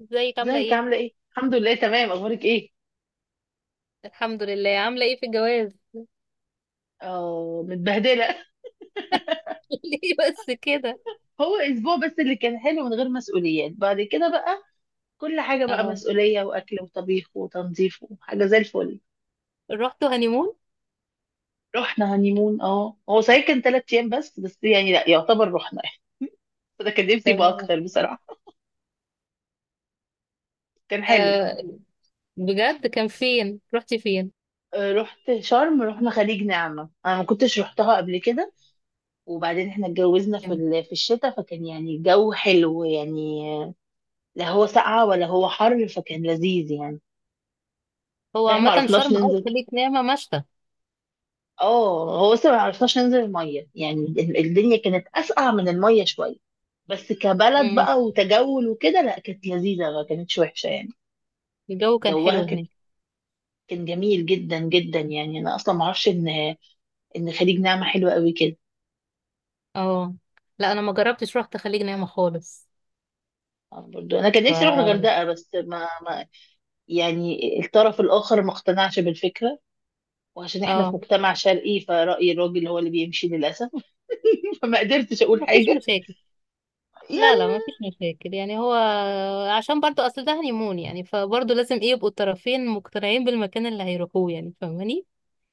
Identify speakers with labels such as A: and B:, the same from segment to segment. A: ازيك عاملة
B: ازيك
A: ايه؟
B: عاملة ايه؟ الحمد لله، تمام. اخبارك ايه؟
A: الحمد لله عاملة ايه في الجواز؟
B: اه، متبهدلة.
A: ليه بس كده؟
B: هو اسبوع بس اللي كان حلو من غير مسؤوليات، بعد كده بقى كل حاجة بقى
A: اه،
B: مسؤولية، واكل وطبيخ وتنظيف، وحاجة زي الفل.
A: رحتوا هانيمون؟
B: رحنا هنيمون. اه، هو صحيح كان 3 ايام بس، يعني لا يعتبر رحنا يعني. انا كان نفسي يبقى
A: تمام.
B: اكتر بصراحة. كان حلو.
A: آه بجد كان فين؟ رحتي فين؟
B: رحت شرم، رحنا خليج نعمة، انا ما كنتش رحتها قبل كده. وبعدين احنا اتجوزنا
A: تمام.
B: في الشتاء، فكان يعني الجو حلو يعني، لا هو ساقعة ولا هو حر، فكان لذيذ يعني.
A: هو
B: احنا ما
A: عامة
B: عرفناش
A: شرم أو
B: ننزل.
A: خليج نعمة مشتى؟
B: اه، هو بس ما عرفناش ننزل الميه، يعني الدنيا كانت اسقع من الميه شويه، بس كبلد
A: مم.
B: بقى، وتجول وكده، لا كانت لذيذه، ما كانتش وحشه يعني.
A: الجو كان
B: جوها
A: حلو
B: كان
A: هناك؟
B: كان جميل جدا جدا، يعني انا اصلا ما اعرفش ان خليج نعمه حلوه قوي كده.
A: اه. لا، أنا ما جربتش رحت خليج نعمة خالص.
B: برضو انا كان نفسي اروح
A: ف
B: الغردقه، بس ما يعني الطرف الاخر ما اقتنعش بالفكره. وعشان احنا في
A: اه،
B: مجتمع شرقي، فرأي الراجل هو اللي بيمشي للاسف. فما قدرتش اقول
A: ما فيش
B: حاجه
A: مشاكل. لا لا، ما
B: يعني.
A: فيش مشاكل، يعني هو عشان برضو أصل ده هانيمون، يعني فبرضو لازم ايه يبقوا الطرفين مقتنعين بالمكان اللي هيروحوه، يعني فاهماني؟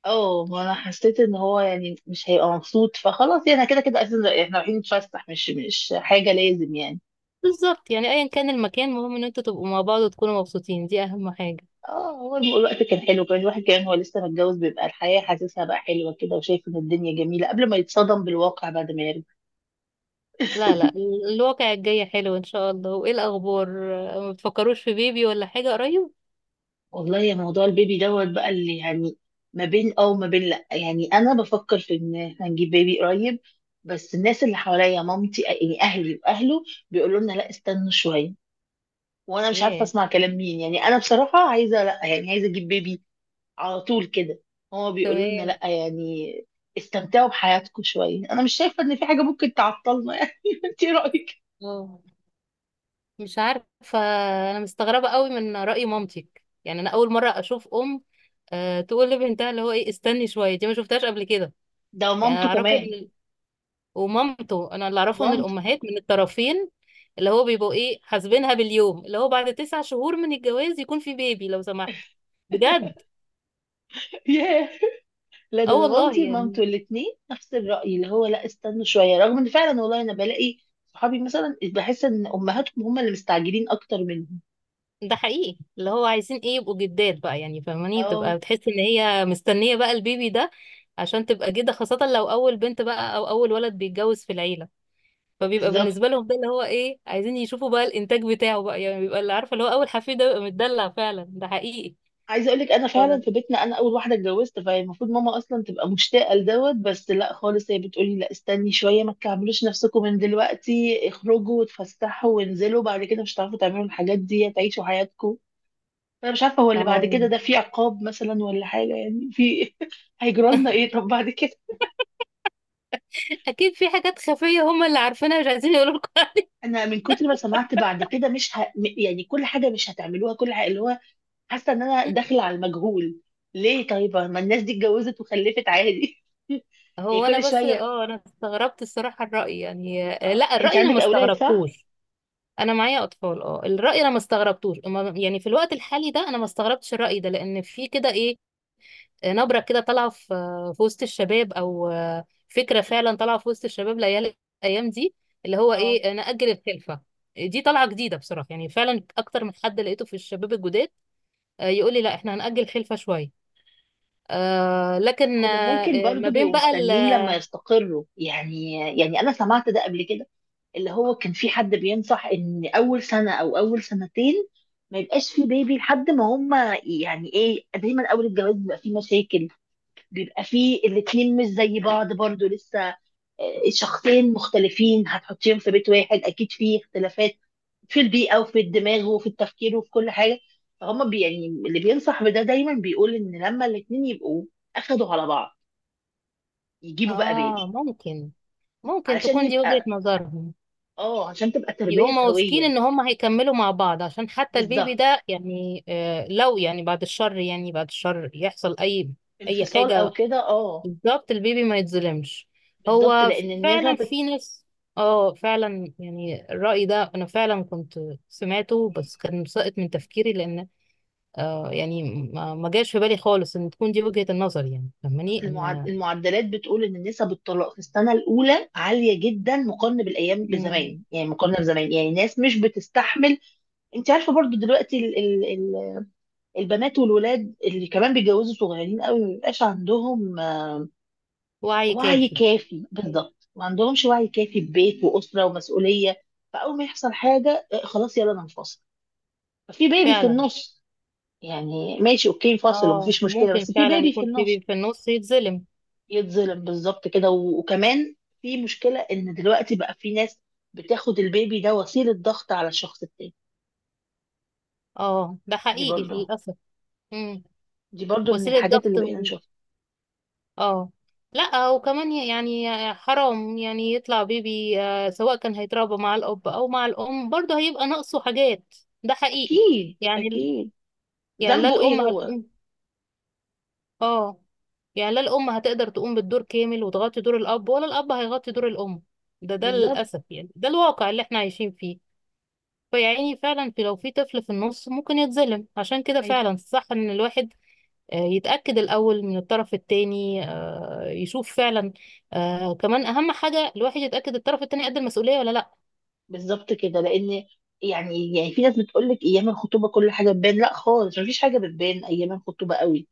B: اه، ما انا حسيت ان هو يعني مش هيبقى مبسوط، فخلاص يعني، كده كده اساسا احنا رايحين نتفسح، مش حاجه لازم يعني.
A: بالظبط، يعني ايا كان المكان، المهم ان انتوا تبقوا مع بعض وتكونوا مبسوطين، دي اهم حاجة.
B: اه، هو الوقت كان حلو كمان. الواحد كمان هو لسه متجوز، بيبقى الحياه حاسسها بقى حلوه كده، وشايف ان الدنيا جميله قبل ما يتصدم بالواقع بعد ما يرجع.
A: لا لا، الواقع الجاي حلو ان شاء الله. وايه الاخبار؟ آه، ما بتفكروش في بيبي ولا حاجة قريب؟
B: والله يا، موضوع البيبي دوت بقى، اللي يعني ما بين اه وما بين لا، يعني انا بفكر في ان احنا نجيب بيبي قريب، بس الناس اللي حواليا، مامتي يعني، اهلي واهله، بيقولوا لنا لا، استنوا شويه. وانا مش عارفه
A: ياه.
B: اسمع كلام مين، يعني انا بصراحه عايزه، لا يعني عايزه اجيب بيبي على طول كده. هما بيقولوا لنا
A: تمام.
B: لا، يعني استمتعوا بحياتكم شويه. انا مش شايفه ان في حاجه ممكن تعطلنا يعني. انت إيه رايك؟
A: اه، مش عارفة. انا مستغربة قوي من رأي مامتك، يعني انا اول مرة اشوف ام تقول لبنتها اللي هو ايه، استني شوية. دي ما شفتهاش قبل كده.
B: ده
A: يعني
B: مامته
A: اعرفه.
B: كمان.
A: ومامته، انا اللي اعرفه ان
B: ومامته.
A: الامهات من الطرفين اللي هو بيبقوا ايه، حاسبينها باليوم، اللي هو بعد 9 شهور من الجواز يكون في بيبي لو سمحت. بجد.
B: ياه، لا،
A: اه،
B: ده
A: والله
B: مامتي
A: يعني،
B: ومامته الاثنين نفس الرأي، اللي هو لا، استنوا شوية. رغم ان فعلا والله انا بلاقي صحابي مثلا بحس ان امهاتهم هم اللي مستعجلين اكتر منهم.
A: ده حقيقي. اللي هو عايزين ايه يبقوا جدات بقى، يعني فاهماني،
B: اه،
A: بتبقى بتحس ان هي مستنية بقى البيبي ده، عشان تبقى جدة، خاصة لو اول بنت بقى او اول ولد بيتجوز في العيلة. فبيبقى
B: بالظبط.
A: بالنسبة لهم ده اللي هو ايه، عايزين يشوفوا بقى الانتاج بتاعه بقى، يعني بيبقى، اللي عارفة اللي هو، اول حفيد ده بيبقى متدلع فعلا. ده حقيقي.
B: عايزه اقول لك، انا فعلا في
A: ف-
B: بيتنا انا اول واحده اتجوزت، فهي المفروض ماما اصلا تبقى مشتاقه لدوت، بس لا خالص، هي بتقولي لا، استني شويه، ما تكعبلوش نفسكم من دلوقتي، اخرجوا وتفسحوا وانزلوا، بعد كده مش هتعرفوا تعملوا الحاجات دي، تعيشوا حياتكم. انا مش عارفه هو اللي بعد
A: اه.
B: كده ده في عقاب مثلا ولا حاجه يعني، في هيجرى لنا ايه طب بعد كده؟
A: اكيد في حاجات خفيه هم اللي عارفينها مش عايزين يقولوا لكم.
B: انا من كتر ما سمعت بعد كده مش ه... م- يعني كل حاجه مش هتعملوها، كل حاجه، اللي هو حاسه ان انا داخله على المجهول. ليه طيب؟ ما الناس دي اتجوزت وخلفت عادي. يعني
A: هو انا
B: كل
A: بس
B: شوية.
A: انا استغربت الصراحه الراي، يعني
B: اه،
A: لا،
B: انت
A: الراي انا ما
B: عندك اولاد، صح؟
A: استغربتوش. انا معايا اطفال. اه، الراي انا ما استغربتوش. يعني في الوقت الحالي ده انا ما استغربتش الراي ده، لان في كده ايه، نبره كده طالعه في في وسط الشباب، او فكره فعلا طالعه في وسط الشباب العيال الايام دي، اللي هو
B: اه،
A: ايه نأجل الخلفه، دي طالعه جديده بصراحه، يعني فعلا اكتر من حد لقيته في الشباب الجداد يقول لي لا احنا هنأجل خلفه شويه. لكن
B: هما ممكن
A: ما
B: برضو
A: بين
B: بيبقوا
A: بقى
B: مستنيين لما يستقروا يعني انا سمعت ده قبل كده، اللي هو كان في حد بينصح ان اول سنة او اول سنتين ما يبقاش في بيبي، لحد ما هما يعني ايه، دايما اول الجواز بيبقى فيه مشاكل. بيبقى فيه الاتنين مش زي بعض برضو لسه، آه، شخصين مختلفين هتحطيهم في بيت واحد، اكيد فيه اختلافات في البيئة، وفي الدماغ، وفي التفكير، وفي كل حاجة. فهم يعني اللي بينصح بده دايما بيقول ان لما الاتنين يبقوا اخدوا على بعض، يجيبوا بقى
A: اه،
B: بيبي.
A: ممكن. ممكن
B: علشان
A: تكون دي وجهة
B: يبقى
A: نظرهم.
B: اه، عشان تبقى تربية
A: هما واثقين
B: سوية.
A: ان هما هيكملوا مع بعض، عشان حتى البيبي
B: بالظبط.
A: ده، يعني لو يعني، بعد الشر، يعني بعد الشر، يحصل اي اي
B: انفصال او
A: حاجة،
B: كده، اه.
A: بالظبط البيبي ما يتظلمش.
B: بالظبط،
A: هو
B: لان
A: فعلا
B: النسب،
A: في ناس. اه، فعلا، يعني الرأي ده انا فعلا كنت سمعته، بس كان ساقط من تفكيري، لان يعني ما جاش في بالي خالص ان تكون دي وجهة النظر، يعني فاهماني
B: اصل
A: ان...
B: المعدلات بتقول ان نسب الطلاق في السنة الاولى عالية جدا، مقارنة بالايام
A: مم.
B: بزمان، يعني مقارنة بزمان، يعني ناس مش بتستحمل. انت عارفة برضو دلوقتي البنات والولاد اللي كمان بيتجوزوا صغيرين قوي، ما بيبقاش عندهم
A: وعي
B: وعي
A: كافي.
B: كافي. بالظبط، ما عندهمش وعي كافي ببيت واسره ومسؤوليه. فاول ما يحصل حاجه، خلاص يلا انا انفصل. ففي بيبي في
A: فعلا.
B: النص، يعني ماشي اوكي، فاصل
A: اه
B: ومفيش مشكله،
A: وممكن
B: بس في
A: فعلا
B: بيبي في
A: يكون في
B: النص
A: بيبي في النص يتظلم.
B: يتظلم. بالظبط كده. وكمان في مشكله ان دلوقتي بقى في ناس بتاخد البيبي ده وسيله ضغط على الشخص التاني.
A: اه، ده
B: دي
A: حقيقي
B: برضه.
A: للأسف. مم.
B: دي برضه من
A: وسيلة
B: الحاجات
A: ضغط
B: اللي بقينا نشوفها.
A: اه. لا وكمان يعني حرام، يعني يطلع بيبي سواء كان هيتربى مع الأب أو مع الأم، برضه هيبقى ناقصه حاجات. ده حقيقي.
B: اكيد
A: يعني
B: اكيد.
A: يعني لا
B: ذنبه ايه
A: الأم
B: هو؟
A: هتقوم. اه، يعني لا الأم هتقدر تقوم بالدور كامل وتغطي دور الأب، ولا الأب هيغطي دور الأم. ده
B: بالظبط.
A: للأسف، يعني ده الواقع اللي احنا عايشين فيه. فيعني فعلا، في لو في طفل في النص ممكن يتظلم، عشان كده
B: أيوة.
A: فعلا صح ان الواحد يتأكد الأول من الطرف التاني، يشوف فعلا، كمان أهم حاجة الواحد يتأكد الطرف التاني قد المسؤولية ولا لأ.
B: بالظبط كده، لان يعني في ناس بتقول لك ايام الخطوبه كل حاجه بتبان، لا خالص، مفيش حاجه بتبان ايام الخطوبه قوي.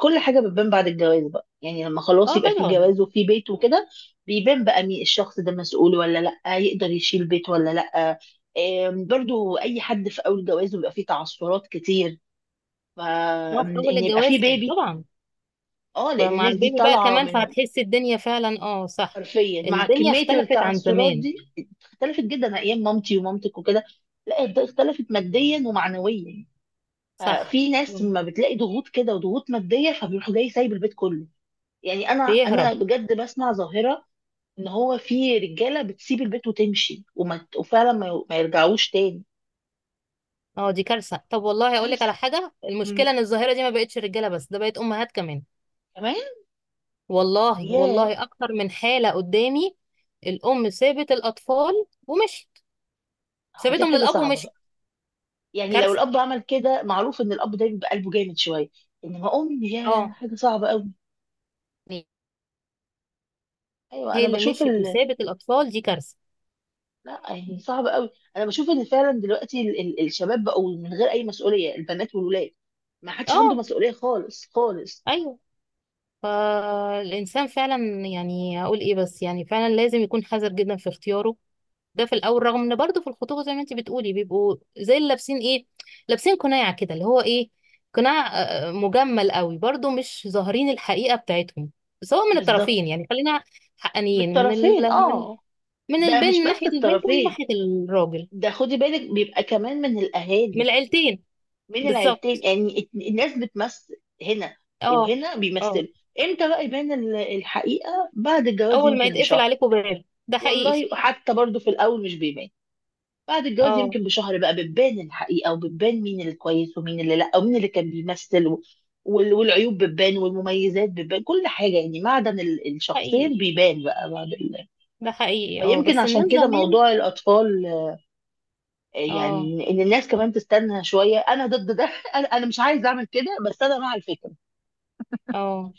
B: كل حاجه بتبان بعد الجواز بقى، يعني لما خلاص
A: اه
B: يبقى في
A: طبعا.
B: جواز وفي بيت وكده، بيبان بقى مين الشخص ده، مسؤول ولا لا، يقدر يشيل بيت ولا لا. برضو اي حد في اول جواز بيبقى فيه تعثرات كتير،
A: اه، في أول
B: فان يبقى
A: الجواز
B: فيه بيبي.
A: طبعا.
B: اه، لان
A: فمع
B: الناس دي
A: البيبي بقى
B: طالعه
A: كمان
B: من،
A: فهتحس الدنيا فعلا. اه صح.
B: حرفيا مع
A: الدنيا
B: كميه
A: اختلفت عن
B: التعثرات
A: زمان.
B: دي. اختلفت جدا ايام مامتي ومامتك وكده، لا ده اختلفت ماديا ومعنويا.
A: صح.
B: ففي ناس
A: مم.
B: ما بتلاقي ضغوط كده وضغوط ماديه، فبيروح جاي سايب البيت كله. يعني انا
A: بيهرب.
B: انا بجد بسمع ظاهره ان هو في رجاله بتسيب البيت وتمشي، وما وفعلا ما يرجعوش تاني.
A: اه، دي كارثة. طب والله أقول لك على
B: كارثه.
A: حاجة، المشكلة
B: مم،
A: ان الظاهرة دي ما بقتش رجالة بس، ده بقت أمهات كمان.
B: كمان.
A: والله،
B: ياه،
A: والله، اكتر من حالة قدامي. الام سابت الاطفال ومشت.
B: هو دي
A: سابتهم
B: حاجه
A: للاب
B: صعبه
A: ومشت.
B: بقى. يعني لو
A: كارثة.
B: الاب عمل كده، معروف ان الاب ده بيبقى قلبه جامد شويه، انما ام، ياه،
A: اه،
B: حاجه صعبه قوي. ايوه،
A: هي
B: انا
A: اللي
B: بشوف
A: مشيت وسابت الاطفال، دي كارثة.
B: لا يعني صعب قوي. انا بشوف ان فعلا دلوقتي ال ال الشباب بقوا من غير اي مسؤوليه، البنات والولاد ما حدش عنده
A: اه.
B: مسؤوليه خالص خالص.
A: ايوه. فالانسان فعلا، يعني هقول ايه، بس يعني فعلا لازم يكون حذر جدا في اختياره ده في الاول، رغم ان برضو في الخطوبه زي ما انت بتقولي بيبقوا زي اللي لابسين ايه، لابسين قناع كده، اللي هو ايه قناع. مجمل قوي برضو، مش ظاهرين الحقيقه بتاعتهم، سواء من
B: بالظبط
A: الطرفين. يعني خلينا
B: من
A: حقانيين، من ال...
B: الطرفين.
A: من
B: اه،
A: من
B: ده
A: البنت،
B: مش
A: من
B: بس
A: ناحيه البنت ومن
B: الطرفين،
A: ناحيه الراجل.
B: ده خدي بالك بيبقى كمان من
A: من
B: الاهالي،
A: العيلتين.
B: من العيلتين.
A: بالظبط.
B: يعني الناس بتمثل هنا،
A: اه.
B: وهنا
A: اه،
B: بيمثلوا. امتى بقى يبان الحقيقه؟ بعد الجواز
A: اول ما
B: يمكن
A: يتقفل
B: بشهر.
A: عليكم باب، ده حقيقي.
B: والله وحتى برضو في الاول مش بيبان، بعد الجواز
A: اه
B: يمكن بشهر بقى بتبان الحقيقة، وبتبان مين الكويس ومين اللي لا، ومين اللي كان بيمثل، والعيوب بتبان والمميزات بتبان كل حاجة، يعني معدن
A: حقيقي.
B: الشخصين بيبان بقى
A: ده حقيقي. اه
B: فيمكن
A: بس
B: عشان
A: الناس
B: كده
A: زمان.
B: موضوع الأطفال،
A: اه،
B: يعني إن الناس كمان تستنى شوية. أنا ضد ده. أنا مش عايزة أعمل كده، بس أنا مع الفكرة.
A: اه،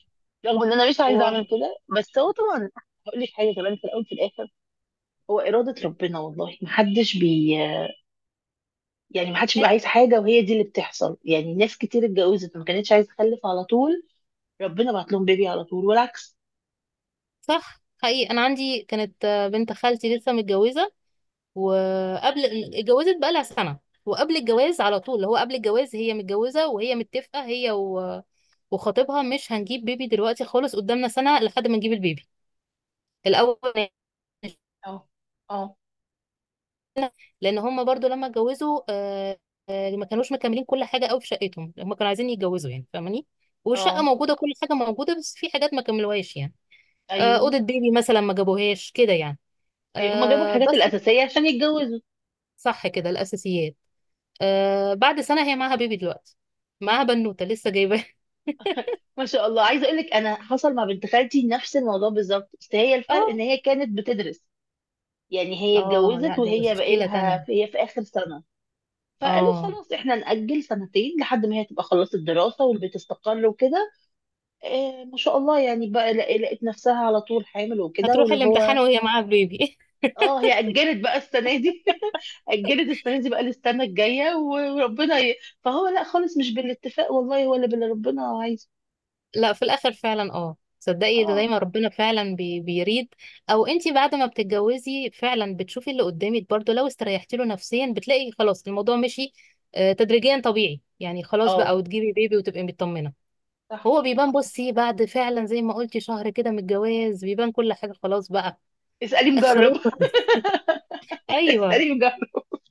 B: رغم إن أنا مش عايزة
A: هو
B: أعمل كده، بس هو طبعا، هقول لك حاجة كمان، في الأول في الآخر هو إرادة ربنا، والله محدش يعني، ما حدش بيبقى عايز حاجه وهي دي اللي بتحصل. يعني ناس كتير اتجوزت ما كانتش عايزه تخلف على طول، ربنا بعت لهم بيبي على طول، والعكس.
A: صح حقيقي. انا عندي كانت بنت خالتي لسه متجوزه، وقبل... اتجوزت بقى لها سنه. وقبل الجواز على طول، اللي هو قبل الجواز هي متجوزه، وهي متفقه وخطيبها، مش هنجيب بيبي دلوقتي خالص، قدامنا سنه لحد ما نجيب البيبي الاول.
B: اه، اه،
A: لان هم برضو لما اتجوزوا ما كانوش مكملين كل حاجه قوي في شقتهم. هم كانوا عايزين يتجوزوا، يعني فاهماني؟ والشقه
B: اه،
A: موجوده، كل حاجه موجوده، بس في حاجات ما كملوهاش، يعني
B: ايوه،
A: اوضه بيبي مثلا ما جابوهاش كده، يعني
B: ايوه، هما جابوا الحاجات
A: بس.
B: الاساسيه عشان يتجوزوا.
A: صح كده الاساسيات. آه بعد سنه هي معاها بيبي دلوقتي، معاها بنوته لسه جايباها.
B: ما شاء الله. عايزه اقول لك انا حصل مع بنت خالتي نفس الموضوع بالظبط، بس هي الفرق ان
A: اه،
B: هي كانت بتدرس. يعني هي
A: اه، لا
B: اتجوزت
A: دي
B: وهي بقى
A: مشكله تانية.
B: لها، هي في اخر سنه، فقالوا
A: اه،
B: خلاص احنا نأجل سنتين، لحد ما هي تبقى خلصت دراسه والبيت استقر وكده. إيه ما شاء الله، يعني بقى لقيت نفسها على طول حامل وكده،
A: هتروح
B: واللي
A: الامتحان
B: هو
A: وهي معاها بيبي.
B: اه هي اجلت بقى السنه دي. اجلت السنه دي بقى للسنه الجايه، فهو لا خالص مش بالاتفاق والله ولا باللي ربنا عايزه.
A: لا في الاخر فعلا. اه صدقي ده
B: اه،
A: زي ما ربنا فعلا بيريد. او انتي بعد ما بتتجوزي فعلا بتشوفي اللي قدامك، برضو لو استريحتي له نفسيا بتلاقي خلاص الموضوع مشي. آه، تدريجيا طبيعي، يعني خلاص بقى
B: اه،
A: وتجيبي بيبي وتبقي مطمنه.
B: صح،
A: هو بيبان، بصي، بعد فعلا زي ما قلتي شهر كده من الجواز بيبان كل حاجة خلاص بقى.
B: اسالي مجرب.
A: خلاص. ايوه.
B: اسالي مجرب.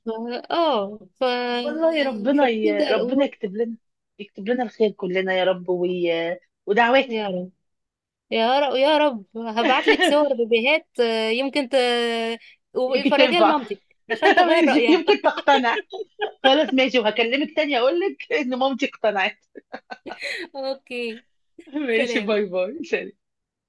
A: ف- اه.
B: والله
A: فبتبدا
B: ربنا
A: الامور.
B: يكتب لنا الخير كلنا يا رب،
A: يا
B: ودعواتك.
A: رب. يا رب، يا رب، هبعت لك صور بيبيهات يمكن
B: يمكن
A: وفرجيها
B: تنفع.
A: لمامتك عشان تغير
B: ماشي،
A: رايها.
B: يمكن تقتنع. خلاص ماشي، وهكلمك تاني اقول لك ان مامتي اقتنعت.
A: اوكي.
B: ماشي،
A: سلام.
B: باي باي، سلام.